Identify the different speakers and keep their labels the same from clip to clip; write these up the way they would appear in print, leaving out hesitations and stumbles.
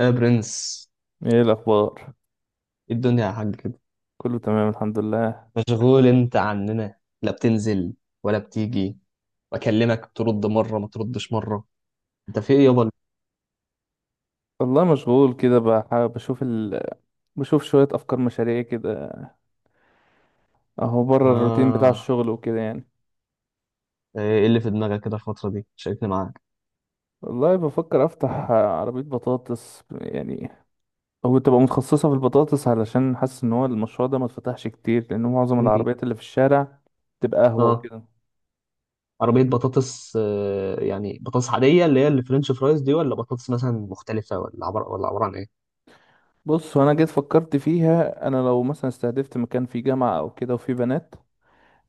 Speaker 1: يا برنس،
Speaker 2: ايه الاخبار؟
Speaker 1: إيه الدنيا يا حاج كده؟
Speaker 2: كله تمام الحمد لله.
Speaker 1: مشغول انت عننا، لا بتنزل ولا بتيجي. بكلمك ترد مرة ما تردش مرة. انت في ايه يابا؟
Speaker 2: والله مشغول كده، بشوف شوية افكار مشاريع كده، اهو بره الروتين بتاع
Speaker 1: اه.
Speaker 2: الشغل وكده يعني.
Speaker 1: ايه اللي في دماغك كده الفترة دي؟ شاركني معاك.
Speaker 2: والله بفكر افتح عربية بطاطس يعني، هو تبقى متخصصة في البطاطس علشان حاسس ان هو المشروع ده ما اتفتحش كتير، لان معظم
Speaker 1: إيه؟
Speaker 2: العربيات اللي في الشارع تبقى قهوة
Speaker 1: اه.
Speaker 2: وكده.
Speaker 1: عربية بطاطس يعني بطاطس عادية اللي هي الفرنش فرايز دي، ولا بطاطس مثلا مختلفة، ولا عبارة عن ايه؟
Speaker 2: بص، وانا جيت فكرت فيها، انا لو مثلا استهدفت مكان فيه جامعة او كده وفيه بنات،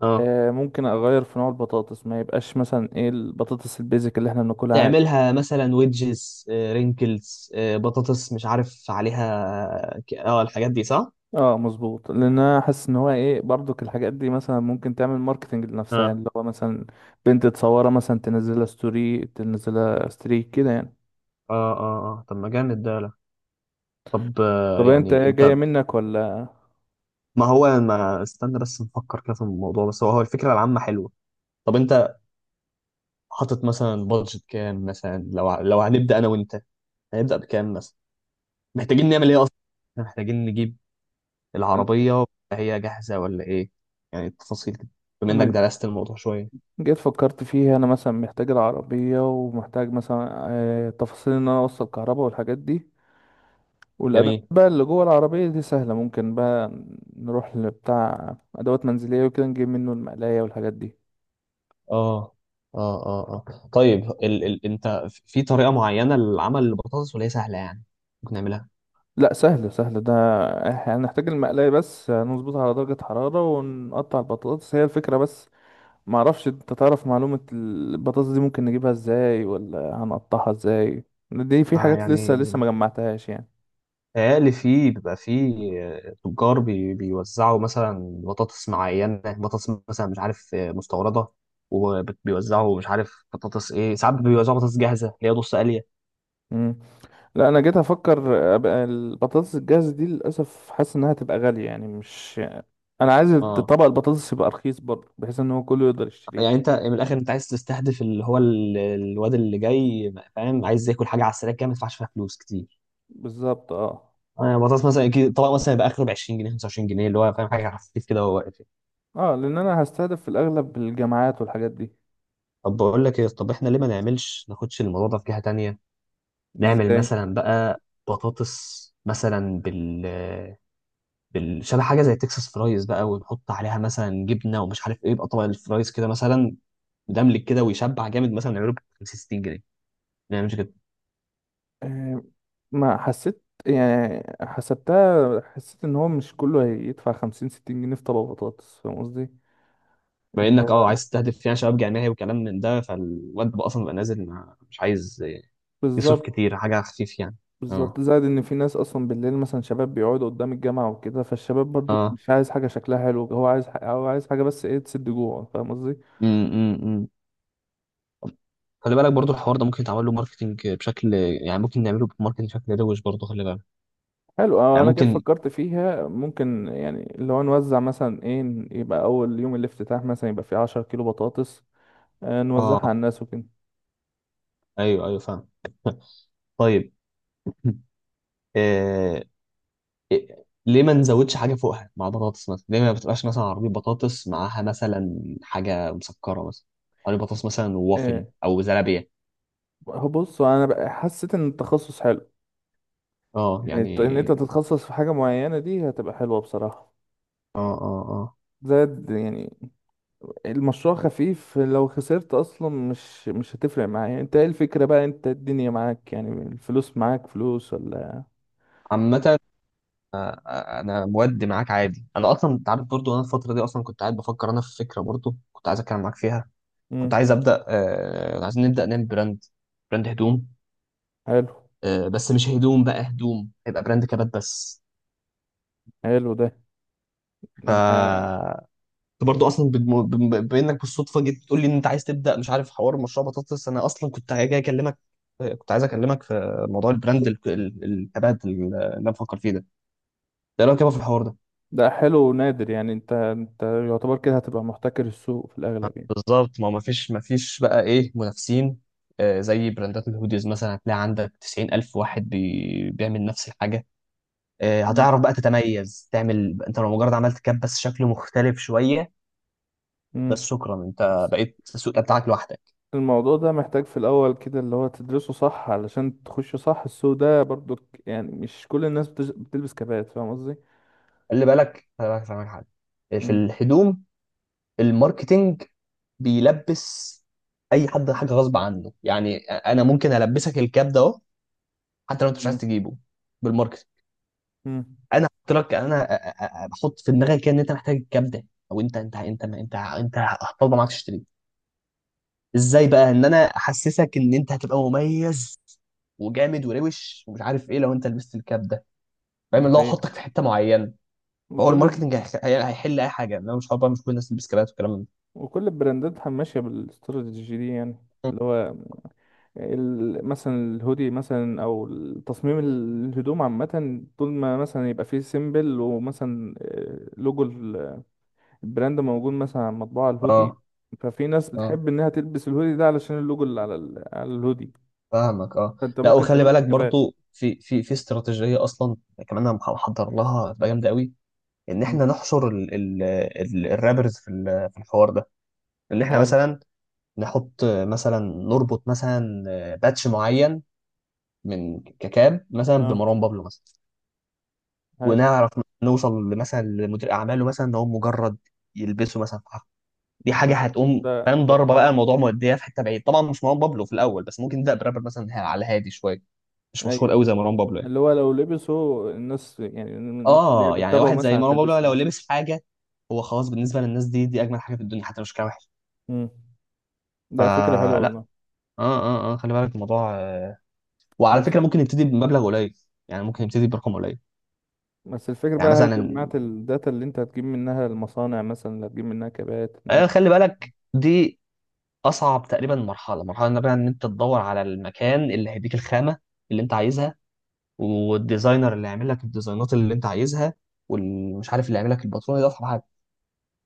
Speaker 1: اه،
Speaker 2: ممكن اغير في نوع البطاطس، ما يبقاش مثلا ايه البطاطس البيزك اللي احنا بناكلها عادي.
Speaker 1: تعملها مثلا ويدجز، رينكلز، بطاطس مش عارف عليها الحاجات دي صح؟
Speaker 2: اه مظبوط، لان انا حاسس ان هو ايه برضك الحاجات دي مثلا ممكن تعمل ماركتنج لنفسها، اللي هو مثلا بنت تصورها مثلا تنزلها ستوري تنزلها ستريك كده يعني.
Speaker 1: اه اه اه، طب ما جامد ده، لا. طب،
Speaker 2: طب انت
Speaker 1: يعني
Speaker 2: ايه
Speaker 1: انت.
Speaker 2: جاية منك ولا؟
Speaker 1: ما هو، ما استنى بس نفكر كده في الموضوع، بس هو الفكره العامه حلوه. طب انت، حاطط مثلا بادجت كام مثلا، لو هنبدا انا وانت. هنبدا بكام مثلا؟ محتاجين نعمل ايه اصلا؟ إحنا محتاجين نجيب العربيه، هي جاهزه ولا ايه؟ يعني التفاصيل كده، بما انك
Speaker 2: انا
Speaker 1: درست الموضوع شويه.
Speaker 2: جيت فكرت فيها، انا مثلا محتاج العربية ومحتاج مثلا تفاصيل ان انا اوصل كهرباء والحاجات دي، والادوات
Speaker 1: جميل.
Speaker 2: بقى اللي جوه العربيه دي سهله، ممكن بقى نروح لبتاع ادوات منزليه وكده نجيب منه المقلايه والحاجات دي.
Speaker 1: اه اه اه اه. طيب، ال ال انت في طريقه معينه للعمل البطاطس ولا هي سهله يعني؟ ممكن نعملها.
Speaker 2: لا سهل سهل ده، احنا هنحتاج المقلايه بس نظبطها على درجه حراره ونقطع البطاطس، هي الفكره بس. ما اعرفش، انت تعرف معلومه البطاطس دي ممكن نجيبها ازاي ولا هنقطعها ازاي؟ دي في حاجات لسه
Speaker 1: يعني،
Speaker 2: لسه ما جمعتهاش.
Speaker 1: قال فيه، بيبقى فيه آه، تجار، بيوزعوا مثلا بطاطس معينة، بطاطس مثلا مش عارف، مستوردة. وبيوزعوا مش عارف بطاطس ايه، ساعات بيوزعوا بطاطس جاهزة اللي هي نص قلية.
Speaker 2: يعني لا انا جيت افكر، ابقى البطاطس الجاهزه دي للاسف حاسس انها هتبقى غاليه، يعني مش انا عايز
Speaker 1: اه،
Speaker 2: طبق البطاطس يبقى رخيص برضه بحيث ان هو كله يقدر
Speaker 1: يعني
Speaker 2: يشتريه.
Speaker 1: انت من الاخر، انت عايز تستهدف اللي هو الواد اللي جاي فاهم عايز ياكل حاجة على السريع كده، ما يدفعش فيها فلوس كتير.
Speaker 2: بالظبط اه.
Speaker 1: بطاطس مثلا كده طبق مثلا يبقى اخره ب 20 جنيه 25 جنيه، اللي هو فاهم حاجة خفيف كده وهو واقف.
Speaker 2: اه لان انا هستهدف في الاغلب الجامعات والحاجات دي.
Speaker 1: طب بقول لك ايه، طب احنا ليه ما نعملش ناخدش الموضوع ده في جهة تانية. نعمل
Speaker 2: ازاي؟
Speaker 1: مثلا بقى بطاطس مثلا، بال شبه حاجه زي تكساس فرايز بقى، ونحط عليها مثلا جبنه ومش عارف ايه، يبقى طبق الفرايز كده مثلا، مدملك كده ويشبع جامد، مثلا نعمله ب 50 60 جنيه. ما نعملش كده؟
Speaker 2: آه، ما حسيت، يعني حسبتها، حسيت ان هو مش كله هيدفع 50 60 جنيه في طبق بطاطس، فاهم قصدي؟
Speaker 1: بما
Speaker 2: اللي
Speaker 1: انك
Speaker 2: هو
Speaker 1: عايز تستهدف يعني شباب جامعي وكلام من ده، فالواد بقى اصلا بقى نازل مش عايز يصرف
Speaker 2: بالظبط.
Speaker 1: كتير، حاجه خفيف يعني. اه
Speaker 2: بالظبط زائد ان في ناس اصلا بالليل مثلا شباب بيقعدوا قدام الجامعه وكده، فالشباب برضو
Speaker 1: اه.
Speaker 2: مش عايز حاجه شكلها حلو، هو عايز حاجه بس ايه تسد جوعه، فاهم قصدي؟
Speaker 1: امم خلي بالك برضو، الحوار ده ممكن يتعمل له ماركتنج بشكل يعني، ممكن نعمله بماركتنج بشكل روش برضو، خلي بالك.
Speaker 2: حلو.
Speaker 1: يعني
Speaker 2: انا كيف
Speaker 1: ممكن.
Speaker 2: فكرت فيها ممكن يعني لو نوزع مثلا ايه، يبقى اول يوم الافتتاح مثلا يبقى فيه 10 كيلو بطاطس، نوزعها
Speaker 1: اه،
Speaker 2: على الناس وكده.
Speaker 1: ايوه ايوه، فاهم. طيب. آه، إيه، ليه ما نزودش حاجه فوقها مع بطاطس مثلا، ليه ما بتبقاش مثلا عربيه بطاطس معاها مثلا حاجه مسكره مثلا؟ عربيه بطاطس مثلا،
Speaker 2: آه،
Speaker 1: ووافل او زلابيه.
Speaker 2: هو بص انا بقى حسيت ان التخصص حلو،
Speaker 1: اه
Speaker 2: يعني
Speaker 1: يعني.
Speaker 2: ان انت تتخصص في حاجه معينه دي هتبقى حلوه بصراحه.
Speaker 1: اه اه اه،
Speaker 2: زائد يعني المشروع خفيف، لو خسرت اصلا مش هتفرق معايا، انت ايه الفكرة بقى، انت الدنيا معاك يعني الفلوس معاك، فلوس ولا؟
Speaker 1: عامه. انا مودي معاك عادي، انا اصلا انت عارف برضو انا الفتره دي اصلا كنت قاعد بفكر، انا في فكره برضو كنت عايز اتكلم معاك فيها. كنت
Speaker 2: امم.
Speaker 1: عايز ابدا، عايزين نبدا نعمل براند. براند هدوم.
Speaker 2: حلو.
Speaker 1: بس مش هدوم، بقى هدوم هيبقى براند كبات بس.
Speaker 2: حلو ده
Speaker 1: ف،
Speaker 2: ده
Speaker 1: انت برضو اصلا بانك بالصدفه جيت تقول لي ان انت عايز تبدا، مش عارف، حوار مشروع بطاطس، انا اصلا كنت جاي اكلمك. كنت عايز اكلمك في موضوع البراند الكبات اللي انا بفكر فيه ده. ده لو كده في الحوار ده.
Speaker 2: ده حلو ونادر، يعني انت يعتبر كده هتبقى محتكر السوق في الاغلب يعني.
Speaker 1: بالظبط، ما فيش بقى ايه منافسين. زي براندات الهوديز مثلا هتلاقي عندك 90,000 واحد بيعمل نفس الحاجه.
Speaker 2: مم.
Speaker 1: هتعرف بقى تتميز، تعمل انت لو مجرد عملت كاب بس شكله مختلف شويه. بس
Speaker 2: امم
Speaker 1: شكرا، انت بقيت السوق ده بتاعك لوحدك.
Speaker 2: الموضوع ده محتاج في الاول كده اللي هو تدرسه صح علشان تخش صح السوق ده برضو، يعني مش كل الناس بتلبس كبات، فاهم قصدي؟
Speaker 1: خلي بالك خلي بالك، فاهمك حاجه. في
Speaker 2: امم.
Speaker 1: الهدوم، الماركتينج بيلبس اي حد حاجه غصب عنه، يعني انا ممكن البسك الكاب ده اهو، حتى لو انت مش عايز
Speaker 2: مم.
Speaker 1: تجيبه. بالماركتينج،
Speaker 2: امم.
Speaker 1: انا احط لك، انا بحط في دماغك كده ان انت محتاج الكاب ده، او انت هتفضل معاك تشتريه. ازاي بقى ان انا احسسك ان انت هتبقى مميز وجامد وروش ومش عارف ايه لو انت لبست الكاب ده. فاهم،
Speaker 2: دي
Speaker 1: اللي هو
Speaker 2: حقيقة.
Speaker 1: احطك في حته معينه. فهو
Speaker 2: وكل
Speaker 1: الماركتنج هيحل اي حاجه، انا مش هقعد بقى مش كل الناس تلبس كابات والكلام ده.
Speaker 2: وكل البراندات ماشية بالاستراتيجي دي، يعني اللي هو مثلا الهودي مثلا او تصميم الهدوم عامة، طول ما مثلا يبقى فيه سيمبل ومثلا لوجو البراند موجود مثلا على مطبوع
Speaker 1: اه
Speaker 2: الهودي، ففي ناس
Speaker 1: اه،
Speaker 2: بتحب انها تلبس الهودي ده علشان اللوجو اللي على الهودي.
Speaker 1: فاهمك، اه.
Speaker 2: فانت
Speaker 1: لا،
Speaker 2: ممكن
Speaker 1: وخلي
Speaker 2: تعمله
Speaker 1: بالك
Speaker 2: بالكبات.
Speaker 1: برضو، في استراتيجيه اصلا كمان انا محضر لها هتبقى جامده قوي، ان
Speaker 2: مم.
Speaker 1: احنا نحشر ال ال ال الرابرز في الحوار ده. ان احنا
Speaker 2: حلو.
Speaker 1: مثلا نحط مثلا نربط مثلا باتش معين من ككاب مثلا
Speaker 2: اه.
Speaker 1: بمروان بابلو مثلا.
Speaker 2: حلو
Speaker 1: ونعرف نوصل مثلا لمدير اعماله مثلا ان هو مجرد يلبسه مثلا في حفلة. دي حاجه هتقوم،
Speaker 2: ده.
Speaker 1: فاهم
Speaker 2: لو
Speaker 1: ضربه بقى، الموضوع موديه في حته بعيد طبعا، مش مروان بابلو في الاول، بس ممكن نبدا برابر مثلا على هادي شويه، مش مشهور
Speaker 2: ايوه،
Speaker 1: قوي زي مروان بابلو يعني.
Speaker 2: اللي هو لو لبسه الناس، يعني الناس اللي هي
Speaker 1: اه، يعني
Speaker 2: بتتابعه
Speaker 1: واحد زي
Speaker 2: مثلا
Speaker 1: مروان بابلو
Speaker 2: هتلبسه.
Speaker 1: لو لبس حاجه، هو خلاص بالنسبه للناس دي، دي اجمل حاجه في الدنيا حتى لو شكلها وحش.
Speaker 2: مم. ده فكرة حلوة
Speaker 1: فلا.
Speaker 2: والله.
Speaker 1: اه اه اه، خلي بالك الموضوع. وعلى
Speaker 2: بس
Speaker 1: فكره ممكن يبتدي بمبلغ قليل، يعني ممكن يبتدي برقم قليل.
Speaker 2: بس الفكرة
Speaker 1: يعني
Speaker 2: بقى، هل
Speaker 1: مثلا،
Speaker 2: جمعت الداتا اللي انت هتجيب منها المصانع مثلا اللي هتجيب منها كبات؟
Speaker 1: خلي بالك، دي اصعب تقريبا مرحله، ان بقى ان انت تدور على المكان اللي هيديك الخامه اللي انت عايزها، والديزاينر اللي هيعمل لك الديزاينات اللي انت عايزها، والمش عارف اللي هيعمل لك الباترون ده.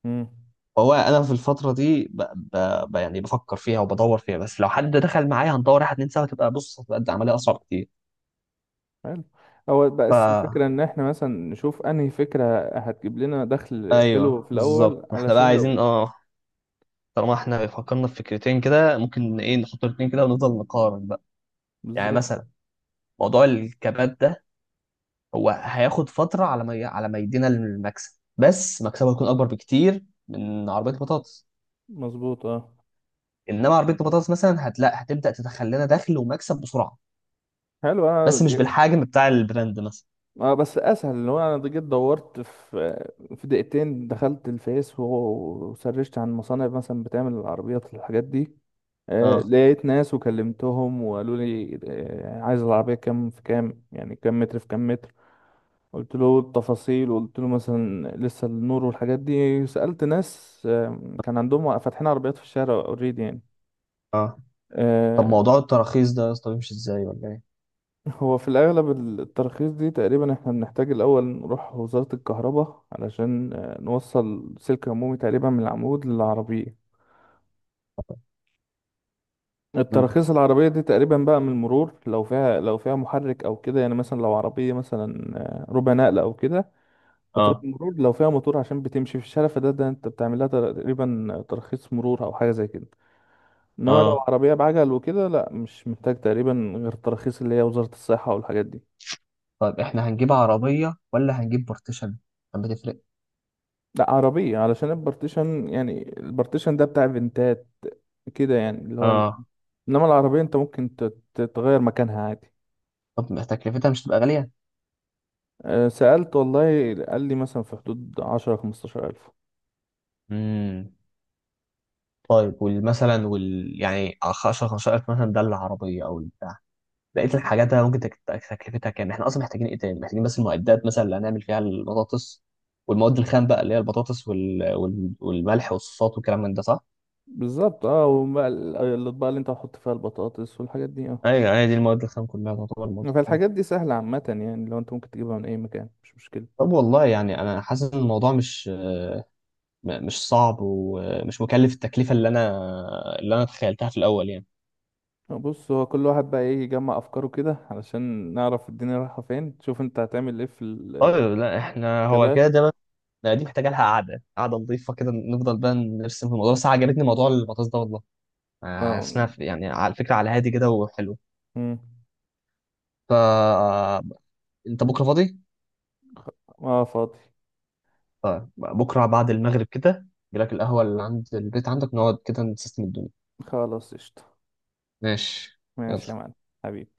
Speaker 2: امم.
Speaker 1: هو انا في الفتره دي يعني بفكر فيها وبدور فيها، بس لو حد دخل معايا هندور واحد اتنين سوا، تبقى بص، هتبقى العمليه اصعب كتير.
Speaker 2: حلو. هو
Speaker 1: ف
Speaker 2: بس الفكرة ان احنا مثلا نشوف انهي فكرة هتجيب لنا دخل حلو
Speaker 1: ايوه
Speaker 2: في
Speaker 1: بالظبط،
Speaker 2: الاول
Speaker 1: احنا بقى
Speaker 2: علشان لو.
Speaker 1: عايزين طالما احنا فكرنا في فكرتين كده، ممكن ايه نحط الاتنين كده ونفضل نقارن بقى. يعني
Speaker 2: بالظبط.
Speaker 1: مثلا، موضوع الكبات ده، هو هياخد فتره على ما يدينا المكسب، بس مكسبه هيكون اكبر بكتير من عربيه البطاطس.
Speaker 2: مظبوط اه.
Speaker 1: انما عربيه البطاطس مثلا هتلاقي هتبدا تدخل لنا دخل ومكسب بسرعه،
Speaker 2: حلو
Speaker 1: بس مش بالحجم بتاع البراند مثلا.
Speaker 2: اه بس اسهل، اللي هو انا جيت دورت في في دقيقتين، دخلت الفيس وسرشت عن مصانع مثلا بتعمل العربيات والحاجات دي.
Speaker 1: اه
Speaker 2: لقيت ناس وكلمتهم وقالوا لي عايز العربية كام في كام، يعني كام متر في كام متر. قلت له التفاصيل وقلت له مثلا لسه النور والحاجات دي، سألت ناس كان عندهم فاتحين عربيات في الشارع اوريدي يعني.
Speaker 1: اه، طب
Speaker 2: آه،
Speaker 1: موضوع التراخيص ده يا اسطى بيمشي ازاي ولا ايه؟
Speaker 2: هو في الأغلب التراخيص دي تقريبا احنا بنحتاج الأول نروح وزارة الكهرباء، علشان نوصل سلك عمومي تقريبا من العمود للعربية.
Speaker 1: مم.
Speaker 2: التراخيص العربية دي تقريبا بقى من المرور، لو فيها محرك أو كده، يعني مثلا لو عربية مثلا ربع نقل أو كده، بتروح
Speaker 1: اه
Speaker 2: المرور لو فيها موتور عشان بتمشي في الشارع، فده أنت بتعمل لها تقريبا ترخيص مرور أو حاجة زي كده. إنما لو
Speaker 1: اه،
Speaker 2: عربية بعجل وكده لا، مش محتاج تقريبا غير التراخيص اللي هي وزارة الصحة والحاجات دي.
Speaker 1: طيب احنا هنجيب عربية ولا هنجيب بارتيشن؟ طب بتفرق؟
Speaker 2: لا عربية، علشان البارتيشن يعني البارتيشن ده بتاع فنتات كده يعني، اللي هو
Speaker 1: اه،
Speaker 2: إنما العربية أنت ممكن تتغير مكانها عادي.
Speaker 1: طب ما تكلفتها مش تبقى غالية؟
Speaker 2: سألت والله، قال لي مثلا في حدود 10 15 ألف.
Speaker 1: امم طيب، والمثلا وال يعني 10 15 ألف مثلا، ده العربية أو البتاع. بقية الحاجات، أنا ممكن تكلفتها كام؟ إحنا أصلا محتاجين إيه تاني؟ محتاجين بس المعدات مثلا اللي هنعمل فيها البطاطس، والمواد الخام بقى اللي هي البطاطس والملح والصوصات والكلام من ده صح؟
Speaker 2: بالظبط اه، وبقى الأطباق اللي انت هتحط فيها البطاطس والحاجات دي اه.
Speaker 1: ايوه، هي دي المواد، الخام كلها تعتبر مواد.
Speaker 2: فالحاجات دي سهلة عامة، يعني لو انت ممكن تجيبها من أي مكان مش مشكلة.
Speaker 1: طب والله يعني انا حاسس ان الموضوع مش صعب ومش مكلف، التكلفه اللي انا تخيلتها في الاول يعني.
Speaker 2: بص، هو كل واحد بقى ايه يجمع أفكاره كده علشان نعرف الدنيا رايحة فين، تشوف انت هتعمل ايه في
Speaker 1: طيب لا، احنا هو
Speaker 2: الكبات.
Speaker 1: كده ده بقى، دي محتاجه لها قعده قعده نظيفه كده، نفضل بقى نرسم في الموضوع، بس عجبتني موضوع البطاطس ده والله. حاسس إنها
Speaker 2: اه.
Speaker 1: يعني، على فكره على هادي كده وحلو.
Speaker 2: مم.
Speaker 1: ف انت بكره فاضي؟
Speaker 2: اه فاضي.
Speaker 1: طيب بكره بعد المغرب كده، جيلك القهوه اللي عند البيت عندك، نقعد كده نسيستم الدنيا.
Speaker 2: خلاص قشطة.
Speaker 1: ماشي.
Speaker 2: ماشي
Speaker 1: يلا.
Speaker 2: يا معلم. حبيبي.